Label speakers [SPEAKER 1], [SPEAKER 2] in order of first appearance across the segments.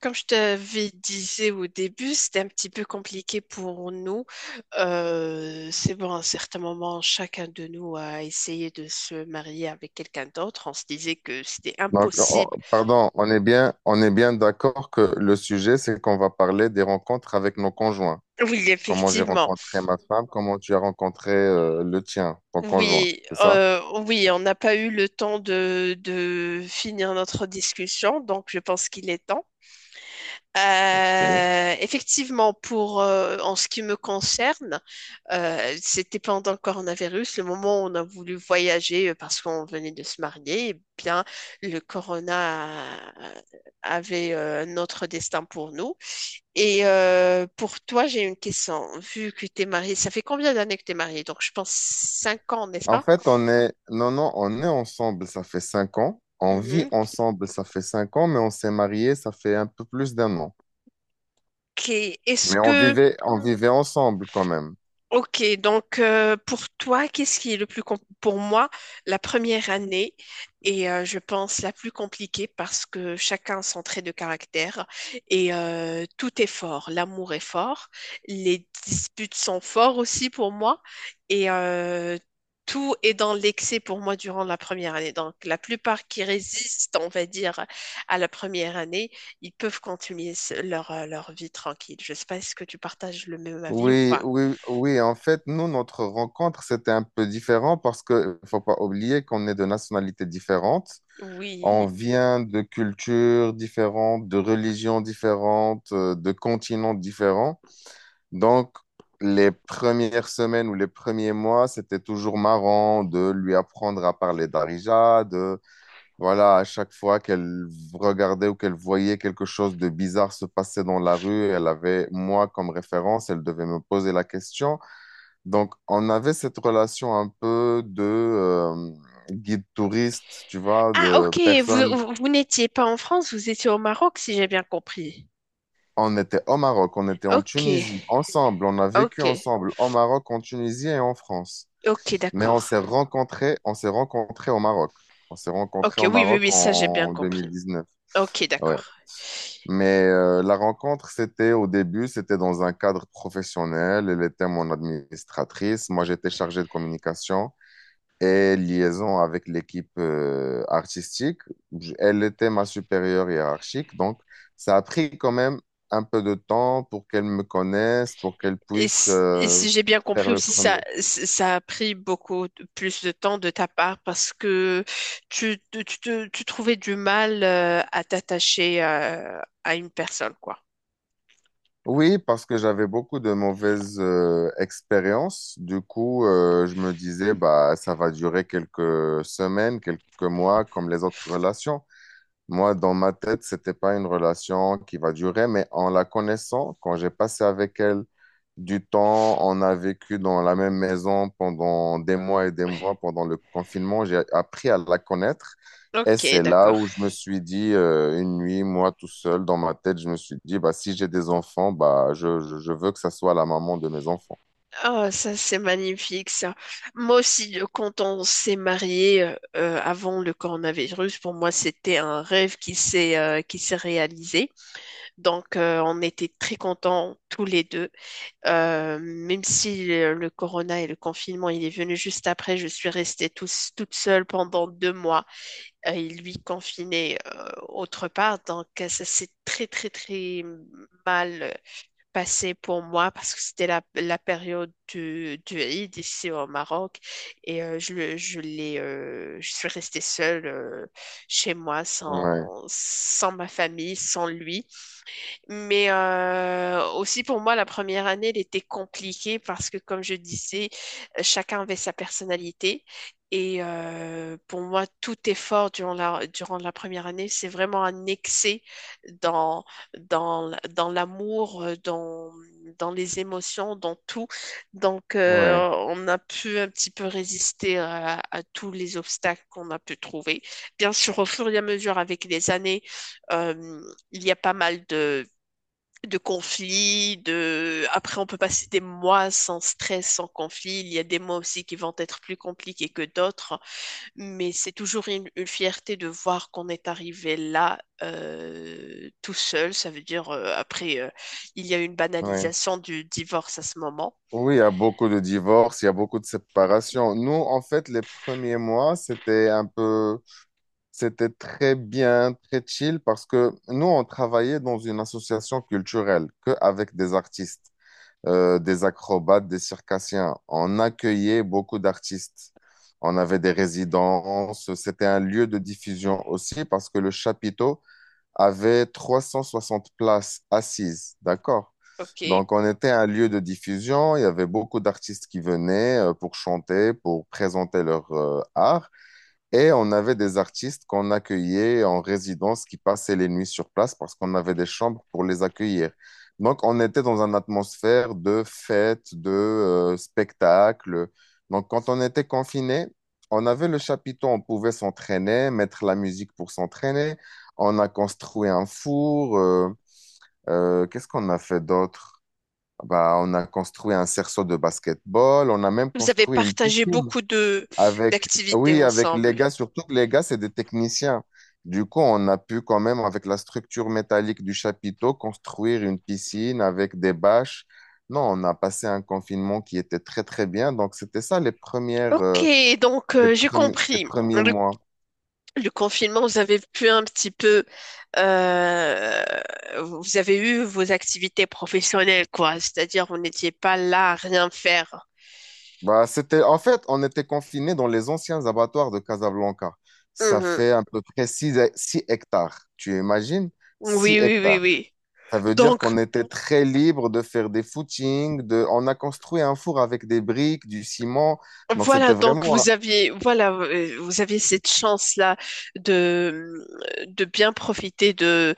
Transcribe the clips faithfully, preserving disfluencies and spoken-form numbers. [SPEAKER 1] Comme je t'avais disais au début, c'était un petit peu compliqué pour nous. Euh, c'est bon, à un certain moment, chacun de nous a essayé de se marier avec quelqu'un d'autre. On se disait que c'était
[SPEAKER 2] Donc, on-
[SPEAKER 1] impossible.
[SPEAKER 2] pardon, on est bien, on est bien d'accord que le sujet, c'est qu'on va parler des rencontres avec nos conjoints.
[SPEAKER 1] Oui,
[SPEAKER 2] Comment j'ai
[SPEAKER 1] effectivement.
[SPEAKER 2] rencontré ma femme, comment tu as rencontré euh, le tien, ton conjoint,
[SPEAKER 1] Oui,
[SPEAKER 2] c'est ça?
[SPEAKER 1] euh, oui, on n'a pas eu le temps de, de finir notre discussion, donc je pense qu'il est temps.
[SPEAKER 2] Ok.
[SPEAKER 1] Euh, effectivement, pour euh, en ce qui me concerne, euh, c'était pendant le coronavirus, le moment où on a voulu voyager euh, parce qu'on venait de se marier, eh bien le corona a- avait euh, notre destin pour nous. Et euh, pour toi, j'ai une question. Vu que tu es mariée, ça fait combien d'années que tu es mariée? Donc je pense cinq ans, n'est-ce
[SPEAKER 2] En
[SPEAKER 1] pas?
[SPEAKER 2] fait, on est, non, non, on est ensemble, ça fait cinq ans. On vit
[SPEAKER 1] Mhm.
[SPEAKER 2] ensemble, ça fait cinq ans, mais on s'est mariés, ça fait un peu plus d'un an.
[SPEAKER 1] Ok. Est-ce
[SPEAKER 2] Mais on
[SPEAKER 1] que
[SPEAKER 2] vivait, on vivait ensemble quand même.
[SPEAKER 1] Ok, donc euh, pour toi, qu'est-ce qui est le plus com- pour moi, la première année est, euh, je pense, la plus compliquée parce que chacun a son trait de caractère et euh, tout est fort. L'amour est fort, les disputes sont forts aussi pour moi et euh, tout est dans l'excès pour moi durant la première année. Donc la plupart qui résistent, on va dire, à la première année, ils peuvent continuer ce- leur, euh, leur vie tranquille. Je sais pas si que tu partages le même avis ou
[SPEAKER 2] Oui,
[SPEAKER 1] pas.
[SPEAKER 2] oui, oui. En fait, nous, notre rencontre, c'était un peu différent parce que faut pas oublier qu'on est de nationalités différentes. On
[SPEAKER 1] Oui.
[SPEAKER 2] vient de cultures différentes, de religions différentes, euh, de continents différents. Donc, les premières semaines ou les premiers mois, c'était toujours marrant de lui apprendre à parler d'Arija, voilà, à chaque fois qu'elle regardait ou qu'elle voyait quelque chose de bizarre se passer dans la rue, elle avait moi comme référence, elle devait me poser la question. Donc, on avait cette relation un peu de euh, guide touriste, tu vois,
[SPEAKER 1] Ah,
[SPEAKER 2] de
[SPEAKER 1] ok, vous,
[SPEAKER 2] personne.
[SPEAKER 1] vous, vous n'étiez pas en France, vous étiez au Maroc, si j'ai bien compris.
[SPEAKER 2] On était au Maroc, on était en
[SPEAKER 1] Ok,
[SPEAKER 2] Tunisie, ensemble, on a vécu
[SPEAKER 1] ok,
[SPEAKER 2] ensemble au Maroc, en Tunisie et en France.
[SPEAKER 1] ok,
[SPEAKER 2] Mais
[SPEAKER 1] d'accord.
[SPEAKER 2] on s'est rencontrés, on s'est rencontrés au Maroc. On s'est rencontrés
[SPEAKER 1] Ok,
[SPEAKER 2] au
[SPEAKER 1] oui, oui,
[SPEAKER 2] Maroc
[SPEAKER 1] oui, ça j'ai bien
[SPEAKER 2] en
[SPEAKER 1] compris.
[SPEAKER 2] deux mille dix-neuf.
[SPEAKER 1] Ok,
[SPEAKER 2] Ouais.
[SPEAKER 1] d'accord.
[SPEAKER 2] Mais euh, la rencontre, c'était au début, c'était dans un cadre professionnel. Elle était mon administratrice. Moi, j'étais chargé de communication et liaison avec l'équipe euh, artistique. J- Elle était ma supérieure hiérarchique. Donc, ça a pris quand même un peu de temps pour qu'elle me connaisse, pour qu'elle
[SPEAKER 1] Et,
[SPEAKER 2] puisse
[SPEAKER 1] s- et
[SPEAKER 2] euh,
[SPEAKER 1] si j'ai bien
[SPEAKER 2] faire
[SPEAKER 1] compris
[SPEAKER 2] le
[SPEAKER 1] aussi, ça,
[SPEAKER 2] premier.
[SPEAKER 1] c- ça a pris beaucoup de- plus de temps de ta part parce que tu, tu, tu te- tu trouvais du mal euh, à t'attacher euh, à une personne, quoi.
[SPEAKER 2] Oui, parce que j'avais beaucoup de mauvaises euh, expériences. Du coup, euh, je me disais, bah, ça va durer quelques semaines, quelques mois, comme les autres relations. Moi, dans ma tête, c'était pas une relation qui va durer, mais en la connaissant, quand j'ai passé avec elle du temps, on a vécu dans la même maison pendant des mois et des mois pendant le confinement, j'ai appris à la connaître. Et
[SPEAKER 1] Ok,
[SPEAKER 2] c'est là
[SPEAKER 1] d'accord.
[SPEAKER 2] où je me suis dit, euh, une nuit, moi tout seul, dans ma tête, je me suis dit, bah, si j'ai des enfants, bah, je, je, je veux que ça soit la maman de mes enfants.
[SPEAKER 1] Ah, ça c'est magnifique ça. Moi aussi, euh, quand on s'est marié euh, euh, avant le coronavirus, pour moi c'était un rêve qui s'est euh, qui s'est réalisé. Donc euh, on était très contents tous les deux. Euh, même si le, le corona et le confinement il est venu juste après, je suis restée tous- toute seule pendant deux mois euh, et lui confiné euh, autre part. Donc euh, ça s'est très très très mal passé pour moi parce que c'était la, la période du, du Eid ici au Maroc et euh, je, le- je l'ai, euh, je suis restée seule euh, chez moi
[SPEAKER 2] Ouais,
[SPEAKER 1] sans, sans ma famille, sans lui. Mais euh, aussi pour moi, la première année, elle était compliquée parce que, comme je disais, euh, chacun avait sa personnalité. Et euh, pour moi, tout effort durant la, durant la première année, c'est vraiment un excès dans, dans, l- dans l'amour, euh, dans, dans les émotions, dans tout. Donc, euh,
[SPEAKER 2] ouais,
[SPEAKER 1] on a pu un petit peu résister à, à tous les obstacles qu'on a pu trouver. Bien sûr, au fur et à mesure, avec les années, euh, il y a pas mal de de conflits, de... Après, on peut passer des mois sans stress, sans conflit. Il y a des mois aussi qui vont être plus compliqués que d'autres, mais c'est toujours une, une fierté de voir qu'on est arrivé là euh, tout seul. Ça veut dire, euh, après, euh, il y a une
[SPEAKER 2] ouais.
[SPEAKER 1] banalisation du divorce à ce moment.
[SPEAKER 2] Oui, il y a beaucoup de divorces, il y a beaucoup de séparations. Nous, en fait, les premiers mois, c'était un peu... C'était très bien, très chill parce que nous, on travaillait dans une association culturelle que avec des artistes, euh, des acrobates, des circassiens. On accueillait beaucoup d'artistes. On avait des résidences. C'était un lieu de diffusion aussi parce que le chapiteau avait trois cent soixante places assises. D'accord?
[SPEAKER 1] OK.
[SPEAKER 2] Donc, on était un lieu de diffusion. Il y avait beaucoup d'artistes qui venaient euh, pour chanter, pour présenter leur euh, art. Et on avait des artistes qu'on accueillait en résidence qui passaient les nuits sur place parce qu'on avait des chambres pour les accueillir. Donc, on était dans une atmosphère de fête, de euh, spectacle. Donc, quand on était confiné, on avait le chapiteau, on pouvait s'entraîner, mettre la musique pour s'entraîner. On a construit un four. Euh, euh, qu'est-ce qu'on a fait d'autre? Bah, on a construit un cerceau de basketball. On a même
[SPEAKER 1] Vous avez
[SPEAKER 2] construit une
[SPEAKER 1] partagé
[SPEAKER 2] piscine.
[SPEAKER 1] beaucoup de
[SPEAKER 2] Avec,
[SPEAKER 1] d'activités
[SPEAKER 2] oui, avec les
[SPEAKER 1] ensemble.
[SPEAKER 2] gars, surtout que les gars, c'est des techniciens. Du coup, on a pu quand même, avec la structure métallique du chapiteau, construire une piscine avec des bâches. Non, on a passé un confinement qui était très, très bien. Donc, c'était ça les premières,
[SPEAKER 1] Ok,
[SPEAKER 2] euh,
[SPEAKER 1] donc
[SPEAKER 2] les
[SPEAKER 1] euh, j'ai
[SPEAKER 2] premi- les
[SPEAKER 1] compris.
[SPEAKER 2] premiers
[SPEAKER 1] Le
[SPEAKER 2] mois.
[SPEAKER 1] Le confinement, vous avez pu un petit peu, euh, vous avez eu vos activités professionnelles, quoi. C'est-à-dire, vous n'étiez pas là à rien faire.
[SPEAKER 2] Bah, c'était, en fait, on était confinés dans les anciens abattoirs de Casablanca. Ça
[SPEAKER 1] Mhm.
[SPEAKER 2] fait à peu près six hectares. Tu imagines? six
[SPEAKER 1] Oui, oui, oui,
[SPEAKER 2] hectares.
[SPEAKER 1] oui.
[SPEAKER 2] Ça veut dire
[SPEAKER 1] Donc,
[SPEAKER 2] qu'on était très libre de faire des footings, de... on a construit un four avec des briques, du ciment. Donc,
[SPEAKER 1] voilà,
[SPEAKER 2] c'était
[SPEAKER 1] donc
[SPEAKER 2] vraiment,
[SPEAKER 1] vous aviez, voilà, euh, vous aviez cette chance-là de, de bien profiter de,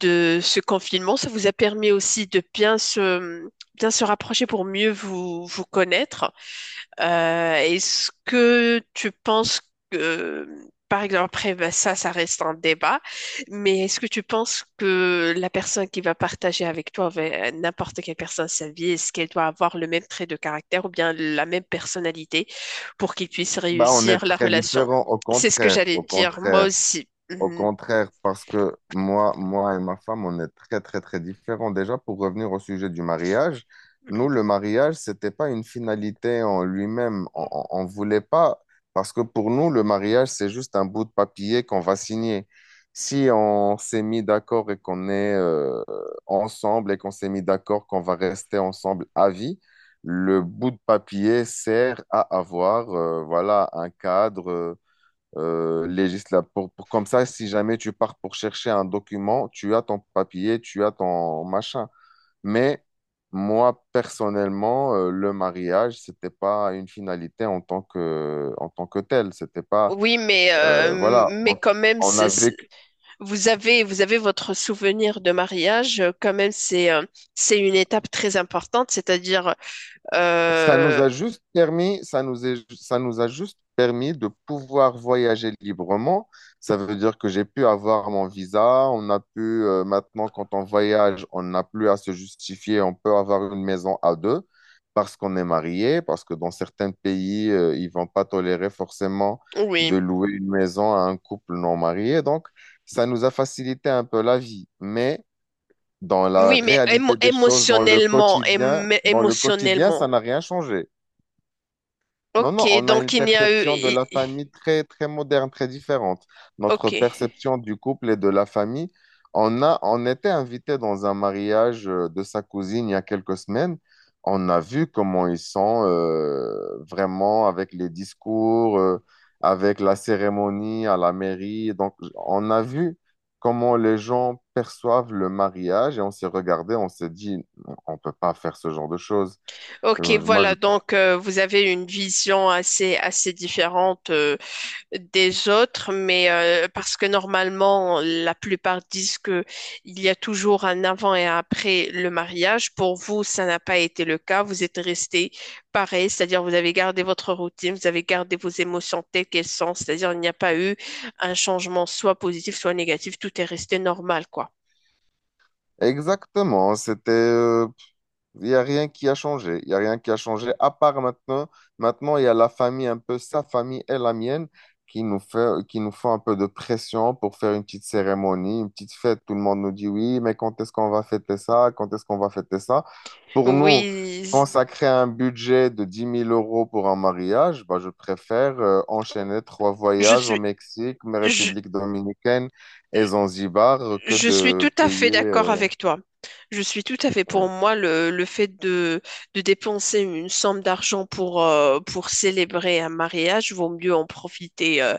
[SPEAKER 1] de ce confinement. Ça vous a permis aussi de bien se, bien se rapprocher pour mieux vous, vous connaître. Euh, est-ce que tu penses que, par exemple, après, ben, ça, ça reste un débat, mais est-ce que tu penses que la personne qui va partager avec toi, avec n'importe quelle personne sa vie, est-ce qu'elle doit avoir le même trait de caractère ou bien la même personnalité pour qu'ils puissent
[SPEAKER 2] bah, on est
[SPEAKER 1] réussir la
[SPEAKER 2] très
[SPEAKER 1] relation?
[SPEAKER 2] différent, au
[SPEAKER 1] C'est ce que
[SPEAKER 2] contraire,
[SPEAKER 1] j'allais
[SPEAKER 2] au
[SPEAKER 1] dire, moi
[SPEAKER 2] contraire.
[SPEAKER 1] aussi.
[SPEAKER 2] Au
[SPEAKER 1] Mhm.
[SPEAKER 2] contraire, parce que moi, moi et ma femme, on est très, très, très différents. Déjà, pour revenir au sujet du mariage, nous, le mariage, c'était pas une finalité en lui-même. On, on, on voulait pas, parce que pour nous, le mariage, c'est juste un bout de papier qu'on va signer. Si on s'est mis d'accord et qu'on est euh, ensemble et qu'on s'est mis d'accord qu'on va rester ensemble à vie, le bout de papier sert à avoir, euh, voilà, un cadre. euh, euh, législatif. Pour, pour- comme ça, si jamais tu pars pour chercher un document, tu as ton papier, tu as ton machin. Mais moi, personnellement, euh, le mariage, c'était pas une finalité en tant que, en tant que telle. C'était pas,
[SPEAKER 1] Oui, mais,
[SPEAKER 2] euh,
[SPEAKER 1] euh,
[SPEAKER 2] voilà.
[SPEAKER 1] mais
[SPEAKER 2] Donc,
[SPEAKER 1] quand même,
[SPEAKER 2] on a
[SPEAKER 1] c'est- c'est-
[SPEAKER 2] vécu.
[SPEAKER 1] Vous avez, vous avez votre souvenir de mariage, euh, quand même, c'est euh, c'est une étape très importante, c'est-à-dire,
[SPEAKER 2] Ça nous
[SPEAKER 1] euh,
[SPEAKER 2] a juste permis, ça nous est, ça nous a juste permis de pouvoir voyager librement. Ça veut dire que j'ai pu avoir mon visa. On a pu, euh, maintenant, quand on voyage, on n'a plus à se justifier. On peut avoir une maison à deux parce qu'on est marié, parce que dans certains pays, euh, ils vont pas tolérer forcément de
[SPEAKER 1] oui,
[SPEAKER 2] louer une maison à un couple non marié. Donc, ça nous a facilité un peu la vie. Mais dans la
[SPEAKER 1] oui, mais émo-
[SPEAKER 2] réalité des choses, dans le
[SPEAKER 1] émotionnellement,
[SPEAKER 2] quotidien,
[SPEAKER 1] émo-
[SPEAKER 2] dans le quotidien, ça
[SPEAKER 1] émotionnellement.
[SPEAKER 2] n'a rien changé. Non, non,
[SPEAKER 1] Ok,
[SPEAKER 2] on a
[SPEAKER 1] donc
[SPEAKER 2] une
[SPEAKER 1] il n'y a eu,
[SPEAKER 2] perception de
[SPEAKER 1] i-
[SPEAKER 2] la
[SPEAKER 1] i-
[SPEAKER 2] famille très, très moderne, très différente. Notre
[SPEAKER 1] ok,
[SPEAKER 2] perception du couple et de la famille, on a, on était invité dans un mariage euh, de sa cousine il y a quelques semaines. On a vu comment ils sont euh, vraiment avec les discours, euh, avec la cérémonie à la mairie. Donc, on a vu comment les gens perçoivent le mariage et on s'est regardé, on s'est dit, on peut pas faire ce genre de choses.
[SPEAKER 1] ok,
[SPEAKER 2] Euh, Moi, je
[SPEAKER 1] voilà, donc euh, vous avez une vision assez, assez différente. Euh, des autres, mais euh, parce que normalement, la plupart disent que il y a toujours un avant et un après le mariage. Pour vous, ça n'a pas été le cas. Vous êtes resté pareil, c'est-à-dire vous avez gardé votre routine, vous avez gardé vos émotions telles qu'elles sont, c'est-à-dire il n'y a pas eu un changement soit positif, soit négatif. Tout est resté normal, quoi.
[SPEAKER 2] Exactement, c'était, euh, il n'y a rien qui a changé, il n'y a rien qui a changé, à part maintenant, maintenant il y a la famille, un peu sa famille et la mienne, qui nous fait, qui nous font un peu de pression pour faire une petite cérémonie, une petite fête, tout le monde nous dit oui, mais quand est-ce qu'on va fêter ça, quand est-ce qu'on va fêter ça? Pour nous,
[SPEAKER 1] Oui,
[SPEAKER 2] consacrer un budget de dix mille euros pour un mariage, bah, je préfère euh, enchaîner trois
[SPEAKER 1] je
[SPEAKER 2] voyages au
[SPEAKER 1] suis,
[SPEAKER 2] Mexique, mais
[SPEAKER 1] je,
[SPEAKER 2] République dominicaine et Zanzibar que
[SPEAKER 1] je suis tout
[SPEAKER 2] de
[SPEAKER 1] à
[SPEAKER 2] payer...
[SPEAKER 1] fait d'accord
[SPEAKER 2] euh,
[SPEAKER 1] avec toi. Je suis tout à fait pour
[SPEAKER 2] Ouais.
[SPEAKER 1] moi le, le fait de, de dépenser une somme d'argent pour, euh, pour célébrer un mariage, vaut mieux en profiter euh,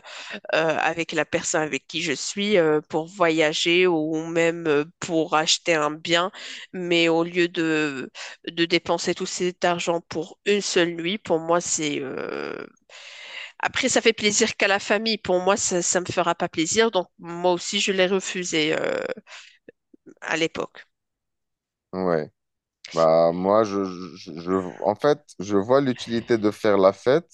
[SPEAKER 1] euh, avec la personne avec qui je suis euh, pour voyager ou même euh, pour acheter un bien. Mais au lieu de, de dépenser tout cet argent pour une seule nuit, pour moi, c'est, euh, après, ça fait plaisir qu'à la famille. Pour moi, ça, ça me fera pas plaisir. Donc, moi aussi, je l'ai refusé euh, à l'époque.
[SPEAKER 2] Ouais. Bah, moi, je, je, je- en fait, je vois l'utilité de faire la fête,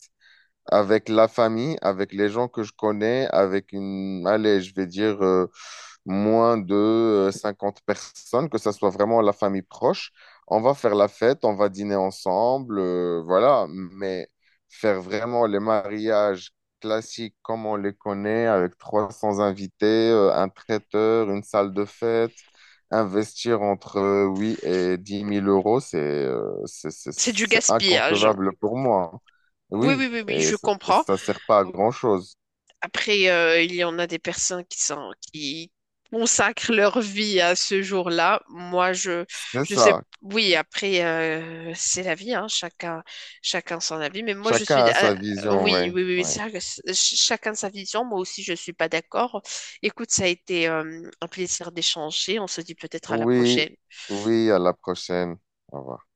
[SPEAKER 2] avec la famille, avec les gens que je connais, avec une, allez, je vais dire euh, moins de euh, cinquante personnes, que ça soit vraiment la famille proche. On va faire la fête, on va dîner ensemble, euh, voilà. Mais faire vraiment les mariages classiques comme on les connaît, avec trois cents invités, euh, un traiteur, une salle de fête, investir entre euh, huit et dix mille euros, c'est euh, c'est c'est-
[SPEAKER 1] C'est du
[SPEAKER 2] c'est
[SPEAKER 1] gaspillage.
[SPEAKER 2] inconcevable pour moi.
[SPEAKER 1] Oui, oui,
[SPEAKER 2] Oui,
[SPEAKER 1] oui, oui,
[SPEAKER 2] et,
[SPEAKER 1] je
[SPEAKER 2] ça et
[SPEAKER 1] comprends.
[SPEAKER 2] ça sert pas à grand-chose.
[SPEAKER 1] Après, euh, il y en a des personnes qui sont, qui consacrent leur vie à ce jour-là. Moi, je,
[SPEAKER 2] C'est
[SPEAKER 1] je sais,
[SPEAKER 2] ça.
[SPEAKER 1] oui, après, euh, c'est la vie, hein, chacun, chacun son avis. Mais moi, je suis,
[SPEAKER 2] Chacun a
[SPEAKER 1] ah,
[SPEAKER 2] sa vision,
[SPEAKER 1] oui,
[SPEAKER 2] ouais.
[SPEAKER 1] oui, oui, oui,
[SPEAKER 2] Ouais.
[SPEAKER 1] c'est vrai que c'est- ch- chacun sa vision. Moi aussi, je suis pas d'accord. Écoute, ça a été, euh, un plaisir d'échanger. On se dit peut-être à la
[SPEAKER 2] Oui,
[SPEAKER 1] prochaine.
[SPEAKER 2] oui, à la prochaine. Au revoir.